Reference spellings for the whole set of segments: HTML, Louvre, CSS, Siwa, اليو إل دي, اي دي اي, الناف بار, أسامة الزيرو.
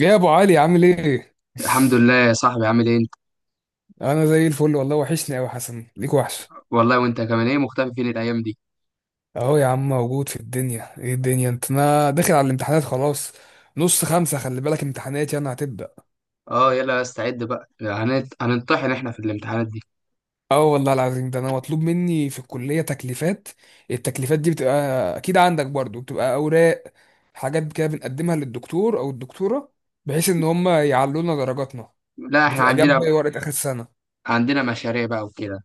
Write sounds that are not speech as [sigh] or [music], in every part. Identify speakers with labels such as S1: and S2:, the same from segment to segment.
S1: ايه يا ابو علي؟ عامل ايه؟
S2: الحمد لله يا صاحبي، عامل ايه انت؟
S1: [laughs] انا زي الفل والله، وحشني قوي حسن، ليك وحش.
S2: والله وانت كمان. ايه مختفي فين الايام دي؟
S1: اهو يا عم، موجود في الدنيا. ايه الدنيا؟ انت انا داخل على الامتحانات خلاص. نص خمسة، خلي بالك، امتحاناتي انا هتبدأ.
S2: اه، يلا استعد بقى. هنطحن احنا في الامتحانات دي.
S1: اه، والله العظيم ده انا مطلوب مني في الكلية تكليفات. التكليفات دي بتبقى، اكيد عندك برضو، بتبقى اوراق، حاجات كده بنقدمها للدكتور او الدكتورة، بحيث ان هم يعلونا درجاتنا.
S2: لا، احنا
S1: بتبقى
S2: عندنا
S1: جنب
S2: بقى،
S1: ورقة اخر السنة.
S2: عندنا مشاريع بقى وكده.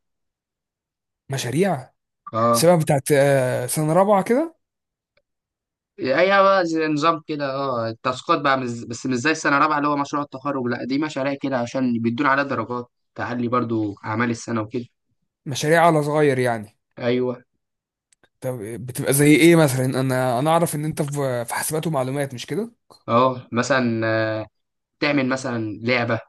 S1: مشاريع،
S2: اه.
S1: شبه بتاعت سنة رابعة كده.
S2: ايوه بقى، زي نظام كده، اه التاسكات بقى بس مش زي السنه الرابعه اللي هو مشروع التخرج. لا، دي مشاريع كده عشان بيدونا عليها درجات تعلي برضو اعمال السنه وكده.
S1: مشاريع على صغير يعني.
S2: ايوه.
S1: طب بتبقى زي ايه مثلا؟ انا اعرف ان انت في حاسبات ومعلومات، مش كده؟
S2: اه مثلا، تعمل مثلا لعبه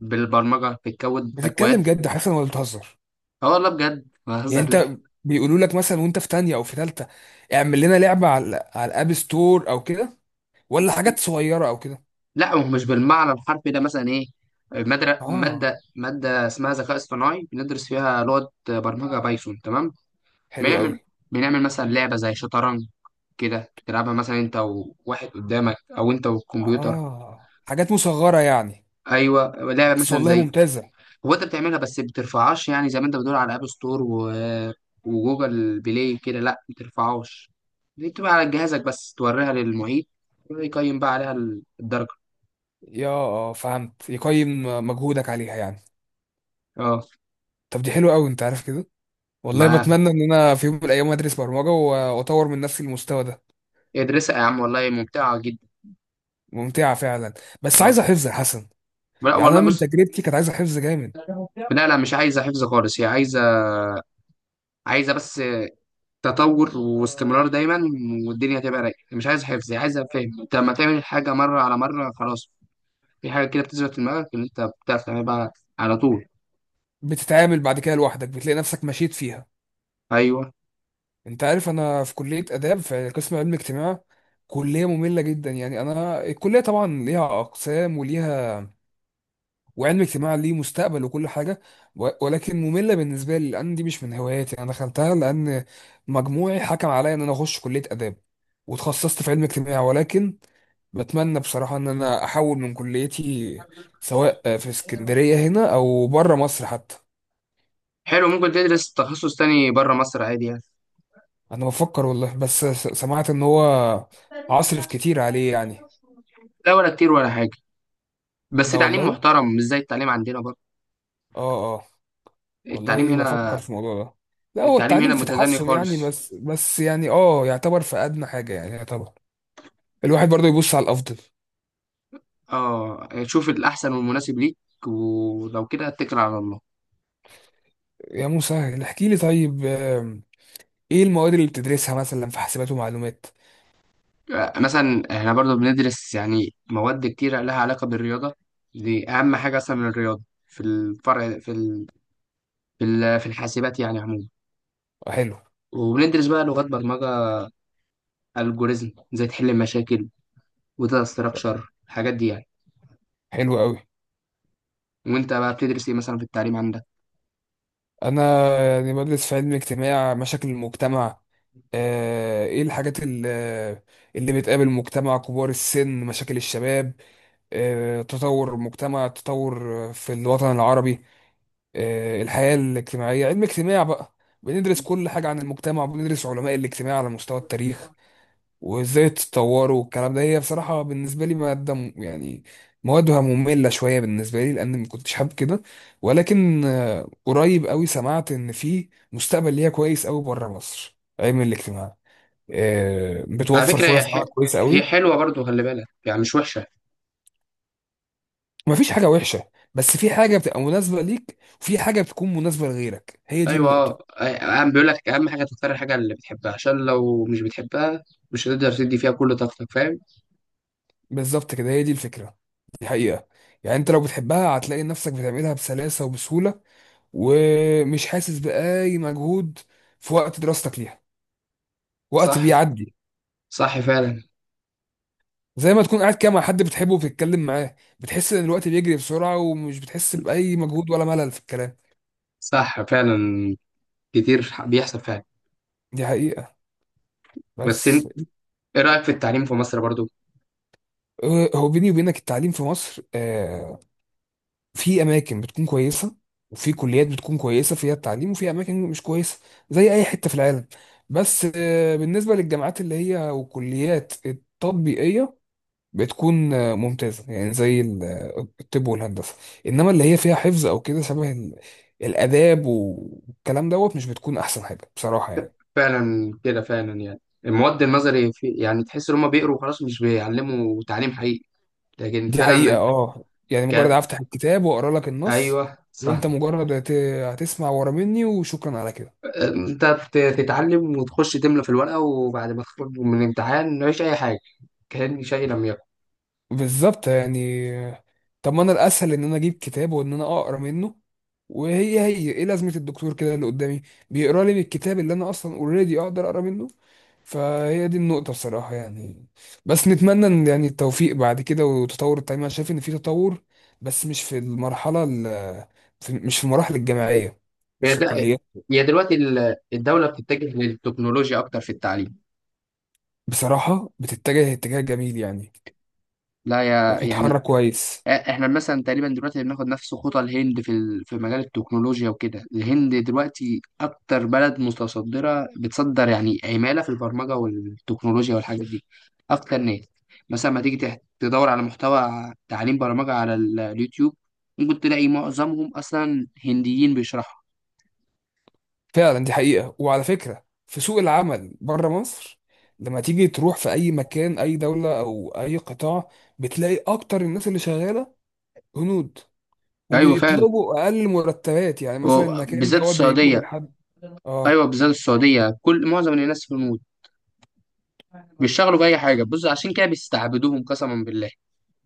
S2: بالبرمجه، بتكود اكواد.
S1: بتتكلم جد حسن ولا بتهزر؟
S2: اه والله بجد، ما
S1: يعني
S2: بهزر
S1: انت
S2: ليه.
S1: بيقولوا لك مثلا وانت في تانية او في تالتة: اعمل لنا لعبة على الاب ستور او كده، ولا حاجات صغيرة او كده؟
S2: لا، هو مش بالمعنى الحرفي ده. مثلا ايه، مادة
S1: اه،
S2: مادة مادة اسمها ذكاء اصطناعي بندرس فيها لغة برمجة بايثون، تمام.
S1: حلو قوي.
S2: بنعمل بنعمل مثلا لعبة زي شطرنج كده، تلعبها مثلا انت وواحد قدامك او انت والكمبيوتر.
S1: اه، حاجات مصغرة يعني.
S2: ايوه لعبة
S1: بس
S2: مثلا
S1: والله
S2: زي،
S1: ممتازة.
S2: هو انت بتعملها بس بترفعهاش، يعني زي ما انت بتقول على اب ستور وجوجل بلاي كده. لا بترفعهاش، دي بتبقى على جهازك بس توريها للمعيد يقيم بقى عليها الدرجة.
S1: يا فهمت، يقيم مجهودك عليها يعني.
S2: اه.
S1: طب دي حلوة قوي، انت عارف كده. والله
S2: ما
S1: بتمنى ان انا في يوم من الايام ادرس برمجة واطور من نفسي المستوى ده.
S2: ادرسها يا عم، والله ممتعة جدا.
S1: ممتعة فعلا، بس
S2: اه،
S1: عايزة حفظ يا حسن.
S2: لا
S1: يعني أنا
S2: والله
S1: من
S2: بص.
S1: تجربتي كانت عايزة حفظ جامد.
S2: لا لا مش عايزه حفظ خالص، هي عايزه، عايزه تطور واستمرار دايما، والدنيا هتبقى رايقه. مش عايزه حفظ، هي عايزه فهم. انت لما تعمل الحاجه مره على مره، خلاص في حاجه كده بتثبت في دماغك ان انت بتعرف تعملها بقى على طول.
S1: بتتعامل بعد كده لوحدك، بتلاقي نفسك مشيت فيها.
S2: ايوه.
S1: أنت عارف أنا في كلية آداب، في قسم علم اجتماع. كلية مملة جدا. يعني أنا الكلية طبعا ليها أقسام وليها، وعلم اجتماع ليه مستقبل وكل حاجة، ولكن مملة بالنسبة لي، لأن دي مش من هواياتي. أنا دخلتها لأن مجموعي حكم عليا إن أنا أخش كلية آداب، وتخصصت في علم اجتماع. ولكن بتمنى بصراحة إن أنا أحول من كليتي، سواء في اسكندرية هنا أو بره مصر حتى.
S2: حلو، ممكن تدرس تخصص تاني بره مصر عادي يعني.
S1: أنا بفكر والله، بس سمعت إن هو عصرف كتير عليه يعني.
S2: لا ولا كتير ولا حاجه، بس
S1: لا
S2: تعليم
S1: والله.
S2: محترم مش زي التعليم عندنا برضه.
S1: اه، اه،
S2: التعليم
S1: والله بفكر
S2: هنا،
S1: في الموضوع ده. لا، هو
S2: التعليم
S1: التعليم
S2: هنا
S1: في
S2: متدني
S1: تحسن يعني،
S2: خالص.
S1: بس بس يعني يعتبر في ادنى حاجه، يعني يعتبر الواحد برضه يبص على الافضل.
S2: اه شوف الاحسن والمناسب ليك، ولو كده اتكل على الله.
S1: يا موسى، احكي لي طيب. ايه المواد اللي بتدرسها مثلا في حاسبات ومعلومات؟
S2: مثلا احنا برضو بندرس يعني مواد كتيرة لها علاقة بالرياضة، دي أهم حاجة أصلا من الرياضة في الفرع في في الحاسبات يعني عموما.
S1: آه، حلو.
S2: وبندرس بقى لغات برمجة، الجوريزم ازاي تحل المشاكل، وداتا ستراكشر، الحاجات دي يعني.
S1: حلو قوي.
S2: وانت بقى بتدرس ايه مثلا في التعليم عندك؟
S1: انا يعني بدرس في علم اجتماع مشاكل المجتمع، ايه الحاجات اللي بتقابل المجتمع: كبار السن، مشاكل الشباب، تطور المجتمع، تطور في الوطن العربي، الحياة الاجتماعية. علم اجتماع بقى، بندرس كل حاجة عن المجتمع، وبندرس علماء الاجتماع على مستوى التاريخ وازاي اتطوروا والكلام ده. هي بصراحة بالنسبة لي مادة يعني موادها مملة شوية بالنسبة لي، لأن ما كنتش حابب كده. ولكن قريب قوي سمعت إن في مستقبل ليها كويس قوي بره مصر، علم الاجتماع
S2: على
S1: بتوفر
S2: فكرة
S1: فرص عمل كويسة
S2: هي
S1: قوي.
S2: حلوة برضو، خلي بالك يعني مش وحشة.
S1: مفيش حاجة وحشة، بس في حاجة بتبقى مناسبة ليك وفي حاجة بتكون مناسبة لغيرك، هي دي
S2: أيوة.
S1: النقطة.
S2: أهم بيقول لك، أهم حاجة تختار الحاجة اللي بتحبها، عشان لو مش بتحبها مش هتقدر تدي فيها كل طاقتك، فاهم.
S1: بالظبط كده، هي دي الفكرة، دي حقيقة. يعني انت لو بتحبها هتلاقي نفسك بتعملها بسلاسة وبسهولة، ومش حاسس بأي مجهود في وقت دراستك ليها. وقت
S2: صح.
S1: بيعدي،
S2: صح فعلا.
S1: زي ما تكون قاعد كده مع حد بتحبه وبتتكلم معاه، بتحس ان الوقت بيجري بسرعة، ومش بتحس بأي مجهود ولا ملل في الكلام.
S2: صح فعلا، كتير بيحصل فعلا.
S1: دي حقيقة.
S2: بس
S1: بس
S2: انت ايه رأيك في التعليم في مصر برضو؟
S1: اه، هو بيني وبينك التعليم في مصر في اماكن بتكون كويسه، وفي كليات بتكون كويسه فيها التعليم، وفي اماكن مش كويسه، زي اي حته في العالم. بس بالنسبه للجامعات اللي هي والكليات التطبيقيه، بتكون ممتازه، يعني زي الطب والهندسه. انما اللي هي فيها حفظ او كده، شبه الاداب والكلام دوت، مش بتكون احسن حاجه بصراحه يعني.
S2: فعلا كده فعلا يعني، المواد النظري في يعني تحس ان هم بيقروا وخلاص مش بيعلموا تعليم حقيقي. لكن
S1: دي حقيقه.
S2: فعلا،
S1: اه يعني مجرد
S2: ك...
S1: افتح الكتاب واقرا لك النص،
S2: ايوه صح.
S1: وانت مجرد هتسمع ورا مني وشكرا على كده.
S2: انت تتعلم وتخش تملى في الورقة، وبعد ما تخرج من الامتحان مفيش اي حاجة، كأن شيء لم يكن.
S1: بالظبط يعني. طب ما انا الاسهل ان انا اجيب كتاب وان انا اقرا منه. وهي هي ايه لازمه الدكتور كده اللي قدامي بيقرا لي من الكتاب، اللي انا اصلا اوريدي اقدر اقرا منه؟ فهي دي النقطه بصراحه يعني. بس نتمنى ان يعني التوفيق بعد كده وتطور التعليم. انا شايف ان في تطور، بس مش في المرحله ال- في مش في المراحل الجامعيه،
S2: هي
S1: مش في
S2: د-
S1: الكليه.
S2: هي دلوقتي الدولة بتتجه للتكنولوجيا اكتر في التعليم.
S1: بصراحه بتتجه اتجاه جميل يعني،
S2: لا يا يعني،
S1: وبتتحرك كويس.
S2: احنا مثلا تقريبا دلوقتي بناخد نفس خطى الهند في في مجال التكنولوجيا وكده. الهند دلوقتي اكتر بلد متصدره، بتصدر يعني عماله في البرمجه والتكنولوجيا والحاجات دي. اكتر ناس مثلا ما تيجي تدور على محتوى تعليم برمجه على اليوتيوب، ممكن تلاقي معظمهم اصلا هنديين بيشرحوا.
S1: فعلا، دي حقيقة. وعلى فكرة في سوق العمل بره مصر، لما تيجي تروح في أي مكان، أي دولة أو أي قطاع، بتلاقي أكتر الناس اللي شغالة هنود.
S2: ايوه فعلا،
S1: وبيطلبوا أقل مرتبات، يعني مثلا
S2: و-
S1: المكان
S2: بالذات
S1: دوت بيطلب
S2: السعوديه.
S1: الحد. آه،
S2: ايوه بالذات السعوديه، كل معظم الناس في الهنود بيشتغلوا باي حاجه، بص عشان كده بيستعبدوهم قسما بالله.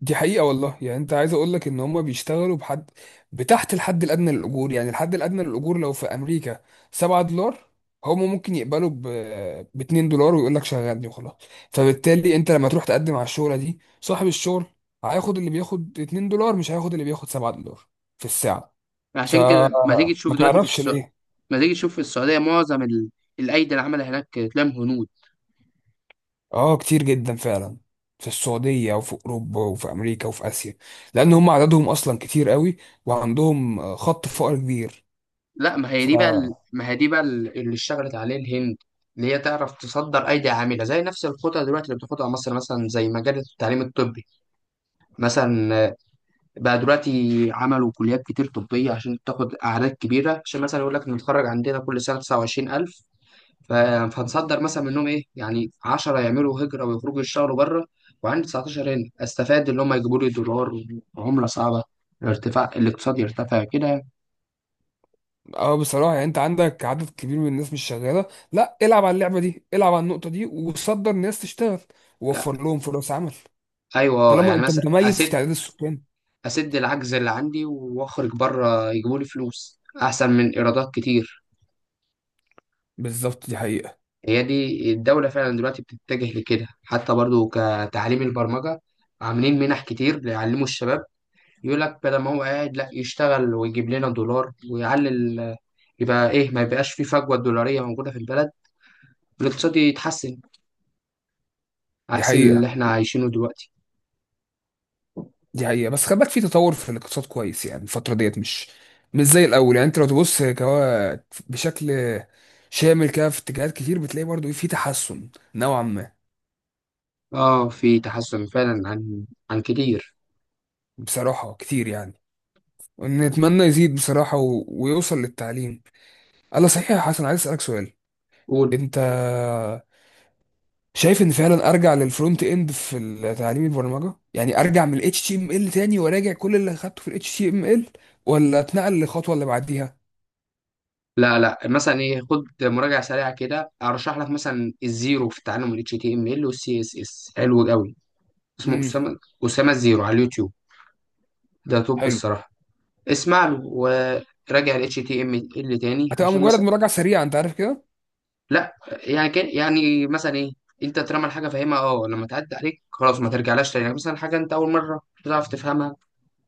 S1: دي حقيقة والله. يعني انت عايز اقول لك ان هم بيشتغلوا بحد، بتحت الحد الادنى للاجور. يعني الحد الادنى للاجور لو في امريكا $7، هم ممكن يقبلوا ب $2، ويقول لك شغلني وخلاص. فبالتالي انت لما تروح تقدم على الشغلة دي، صاحب الشغل هياخد اللي بياخد $2، مش هياخد اللي بياخد $7 في الساعة.
S2: عشان كده ما تيجي
S1: فما
S2: تشوف دلوقتي في
S1: تعرفش
S2: السعودية،
S1: ليه.
S2: ما تيجي تشوف في السعودية معظم الأيدي العاملة هناك تلاقيهم هنود.
S1: اه، كتير جدا فعلا في السعودية وفي أوروبا وفي أمريكا وفي آسيا، لأن هم عددهم أصلا كتير قوي، وعندهم خط فقر كبير.
S2: لا، ما هي
S1: ف
S2: دي بقى ال... ما هي دي بقى اللي اشتغلت عليه الهند، اللي هي تعرف تصدر أيدي عاملة. زي نفس الخطة دلوقتي اللي بتاخدها مصر، مثلا زي مجال التعليم الطبي. مثلا بقى دلوقتي عملوا كليات كتير طبية عشان تاخد أعداد كبيرة، عشان مثلا يقول لك نتخرج عندنا كل سنة 29,000. ف- فهتصدر مثلا منهم ايه يعني 10 يعملوا هجره ويخرجوا يشتغلوا بره، وعندي 19 هنا استفاد اللي هم يجيبوا لي دولار، عمله صعبه، الارتفاع الاقتصاد يرتفع كده.
S1: اه، بصراحه يعني انت عندك عدد كبير من الناس مش شغاله. لا، العب على اللعبه دي، العب على النقطه دي، وصدر ناس تشتغل، ووفر لهم فرص عمل.
S2: ايوه
S1: طالما
S2: يعني،
S1: انت
S2: مثلا
S1: متميز في
S2: اسد،
S1: تعداد السكان.
S2: اسد العجز اللي عندي، واخرج بره يجيبوا لي فلوس احسن من ايرادات كتير.
S1: بالظبط، دي حقيقه.
S2: هي دي الدوله فعلا دلوقتي بتتجه لكده، حتى برضو كتعليم البرمجه عاملين منح كتير ليعلموا الشباب. يقول لك بدل ما هو قاعد لا يشتغل ويجيب لنا دولار ويعلي يبقى ايه، ما يبقاش في فجوة دولارية موجودة في البلد، والاقتصاد يتحسن،
S1: دي
S2: عكس اللي
S1: حقيقه.
S2: احنا عايشينه دلوقتي.
S1: دي حقيقه، بس خلي بالك في تطور في الاقتصاد كويس يعني. الفتره ديت مش زي الاول، يعني انت لو تبص كوا بشكل شامل كده، في اتجاهات كتير بتلاقي برضو في تحسن نوعا ما.
S2: اه في تحسن فعلا، عن كتير.
S1: بصراحه كتير يعني. نتمنى يزيد بصراحه ويوصل للتعليم. الله، صحيح يا حسن، عايز اسالك سؤال.
S2: قول.
S1: انت شايف ان فعلا ارجع للفرونت اند في تعليم البرمجه، يعني ارجع من الاتش تي ام ال HTML تاني، وراجع كل اللي اخدته في الاتش تي ام ال HTML، ولا اتنقل للخطوه اللي بعديها؟
S2: لا لا مثلا ايه، خد مراجعة سريعة كده، ارشح لك مثلا الزيرو في تعلم ال HTML وال CSS، حلو قوي. اسمه
S1: امم.
S2: اسامة، اسامة الزيرو على اليوتيوب، ده توب
S1: حلو،
S2: الصراحة. اسمع له وراجع ال HTML تاني،
S1: هتبقى
S2: عشان
S1: مجرد
S2: مثلا،
S1: مراجعه سريعه، انت عارف كده.
S2: لا يعني كان يعني مثلا ايه، انت طالما الحاجه فاهمها اه لما تعدي عليك خلاص ما ترجعلاش تاني. يعني مثلا حاجه انت اول مره بتعرف تفهمها،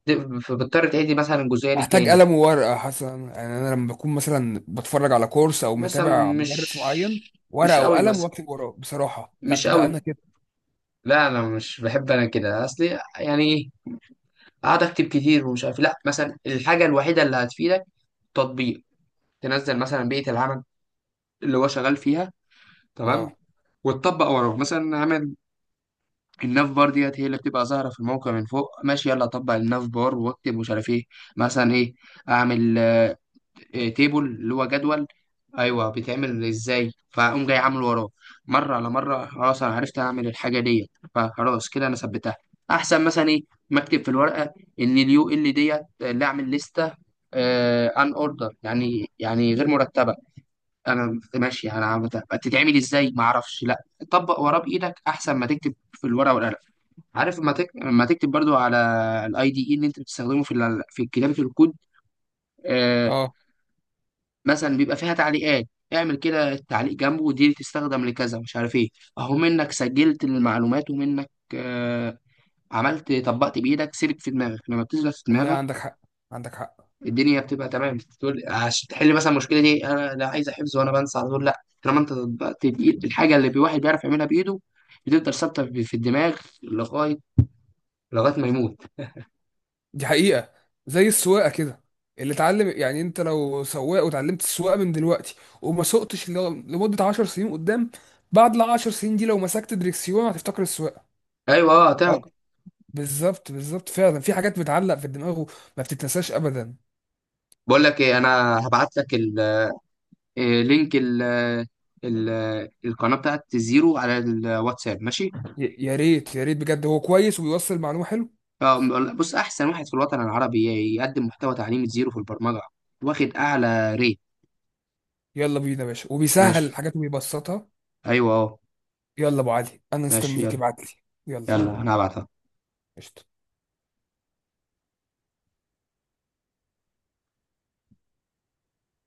S2: فبتضطر تعيد مثلا الجزئيه دي
S1: محتاج
S2: تاني.
S1: قلم وورقه حسنا؟ يعني انا لما بكون مثلا بتفرج على كورس او
S2: مثلا
S1: متابع مدرس معين،
S2: مش، مش
S1: ورقه
S2: قوي
S1: وقلم
S2: مثلا،
S1: واكتب وراه بصراحه؟ لا،
S2: مش
S1: ده
S2: قوي،
S1: انا كده.
S2: لا انا مش بحب. انا كده اصلي يعني ايه، اقعد اكتب كتير ومش عارف إيه. لا، مثلا الحاجه الوحيده اللي هتفيدك تطبيق، تنزل مثلا بيئه العمل اللي هو شغال فيها، تمام؟
S1: اه،
S2: وتطبق وراه. مثلا عامل الناف بار ديت هي اللي بتبقى ظاهرة في الموقع من فوق، ماشي يلا أطبق الناف بار وأكتب مش عارف إيه. مثلا إيه، أعمل إيه، تيبل اللي هو جدول. أيوه بيتعمل إزاي؟ فأقوم جاي عامله وراه، مرة على مرة خلاص أنا عرفت أعمل الحاجة ديت، فخلاص كده أنا ثبتها. أحسن مثلا إيه مكتب في الورقة، إن اليو إل ديت اللي أعمل لستة أن أوردر يعني، يعني غير مرتبة. انا ماشي انا بتتعمل ازاي، ما اعرفش. لا، طبق وراه بايدك احسن ما تكتب في الورقه والقلم. عارف لما لما تكتب برضو على الاي دي اي اللي انت بتستخدمه في في كتابه الكود، آه،
S1: اه،
S2: مثلا بيبقى فيها تعليقات، اعمل كده تعليق جنبه ودي تستخدم لكذا مش عارف ايه. اهو منك سجلت المعلومات، ومنك آه عملت، طبقت بايدك، سيبك في دماغك، لما بتثبت في
S1: والله
S2: دماغك
S1: عندك حق، عندك حق.
S2: الدنيا بتبقى تمام. تقول عشان تحل مثلا المشكله دي، انا لا عايزه حفظ وانا بنسى على طول. لا، طالما انت طبقت بايد، الحاجه اللي الواحد بيعرف يعملها بايده بتفضل ثابته في الدماغ، لغايه، ما يموت.
S1: دي حقيقة. زي السواقة كده، اللي اتعلم، يعني انت لو سواق وتعلمت السواقة من دلوقتي، وما سوقتش لمدة 10 سنين قدام، بعد ال 10 سنين دي لو مسكت دريكسيون هتفتكر السواقة.
S2: ايوه اه.
S1: أو بالظبط، بالظبط فعلا، في حاجات بتعلق في الدماغ وما بتتنساش ابدا.
S2: بقول لك ايه، انا هبعت لك إيه، لينك ال القناه بتاعت زيرو على الواتساب، ماشي.
S1: يا ريت يا ريت بجد، هو كويس وبيوصل معلومة حلو.
S2: آه، بص احسن واحد في الوطن العربي يقدم محتوى تعليمي زيرو في البرمجه، واخد اعلى ريت.
S1: يلا بينا يا باشا، وبيسهل
S2: ماشي.
S1: الحاجات وبيبسطها.
S2: ايوه اه.
S1: يلا ابو علي، انا
S2: ماشي
S1: مستنيك
S2: يلا.
S1: ابعت لي. يلا.
S2: يلا انا هبعتها.
S1: قشطة.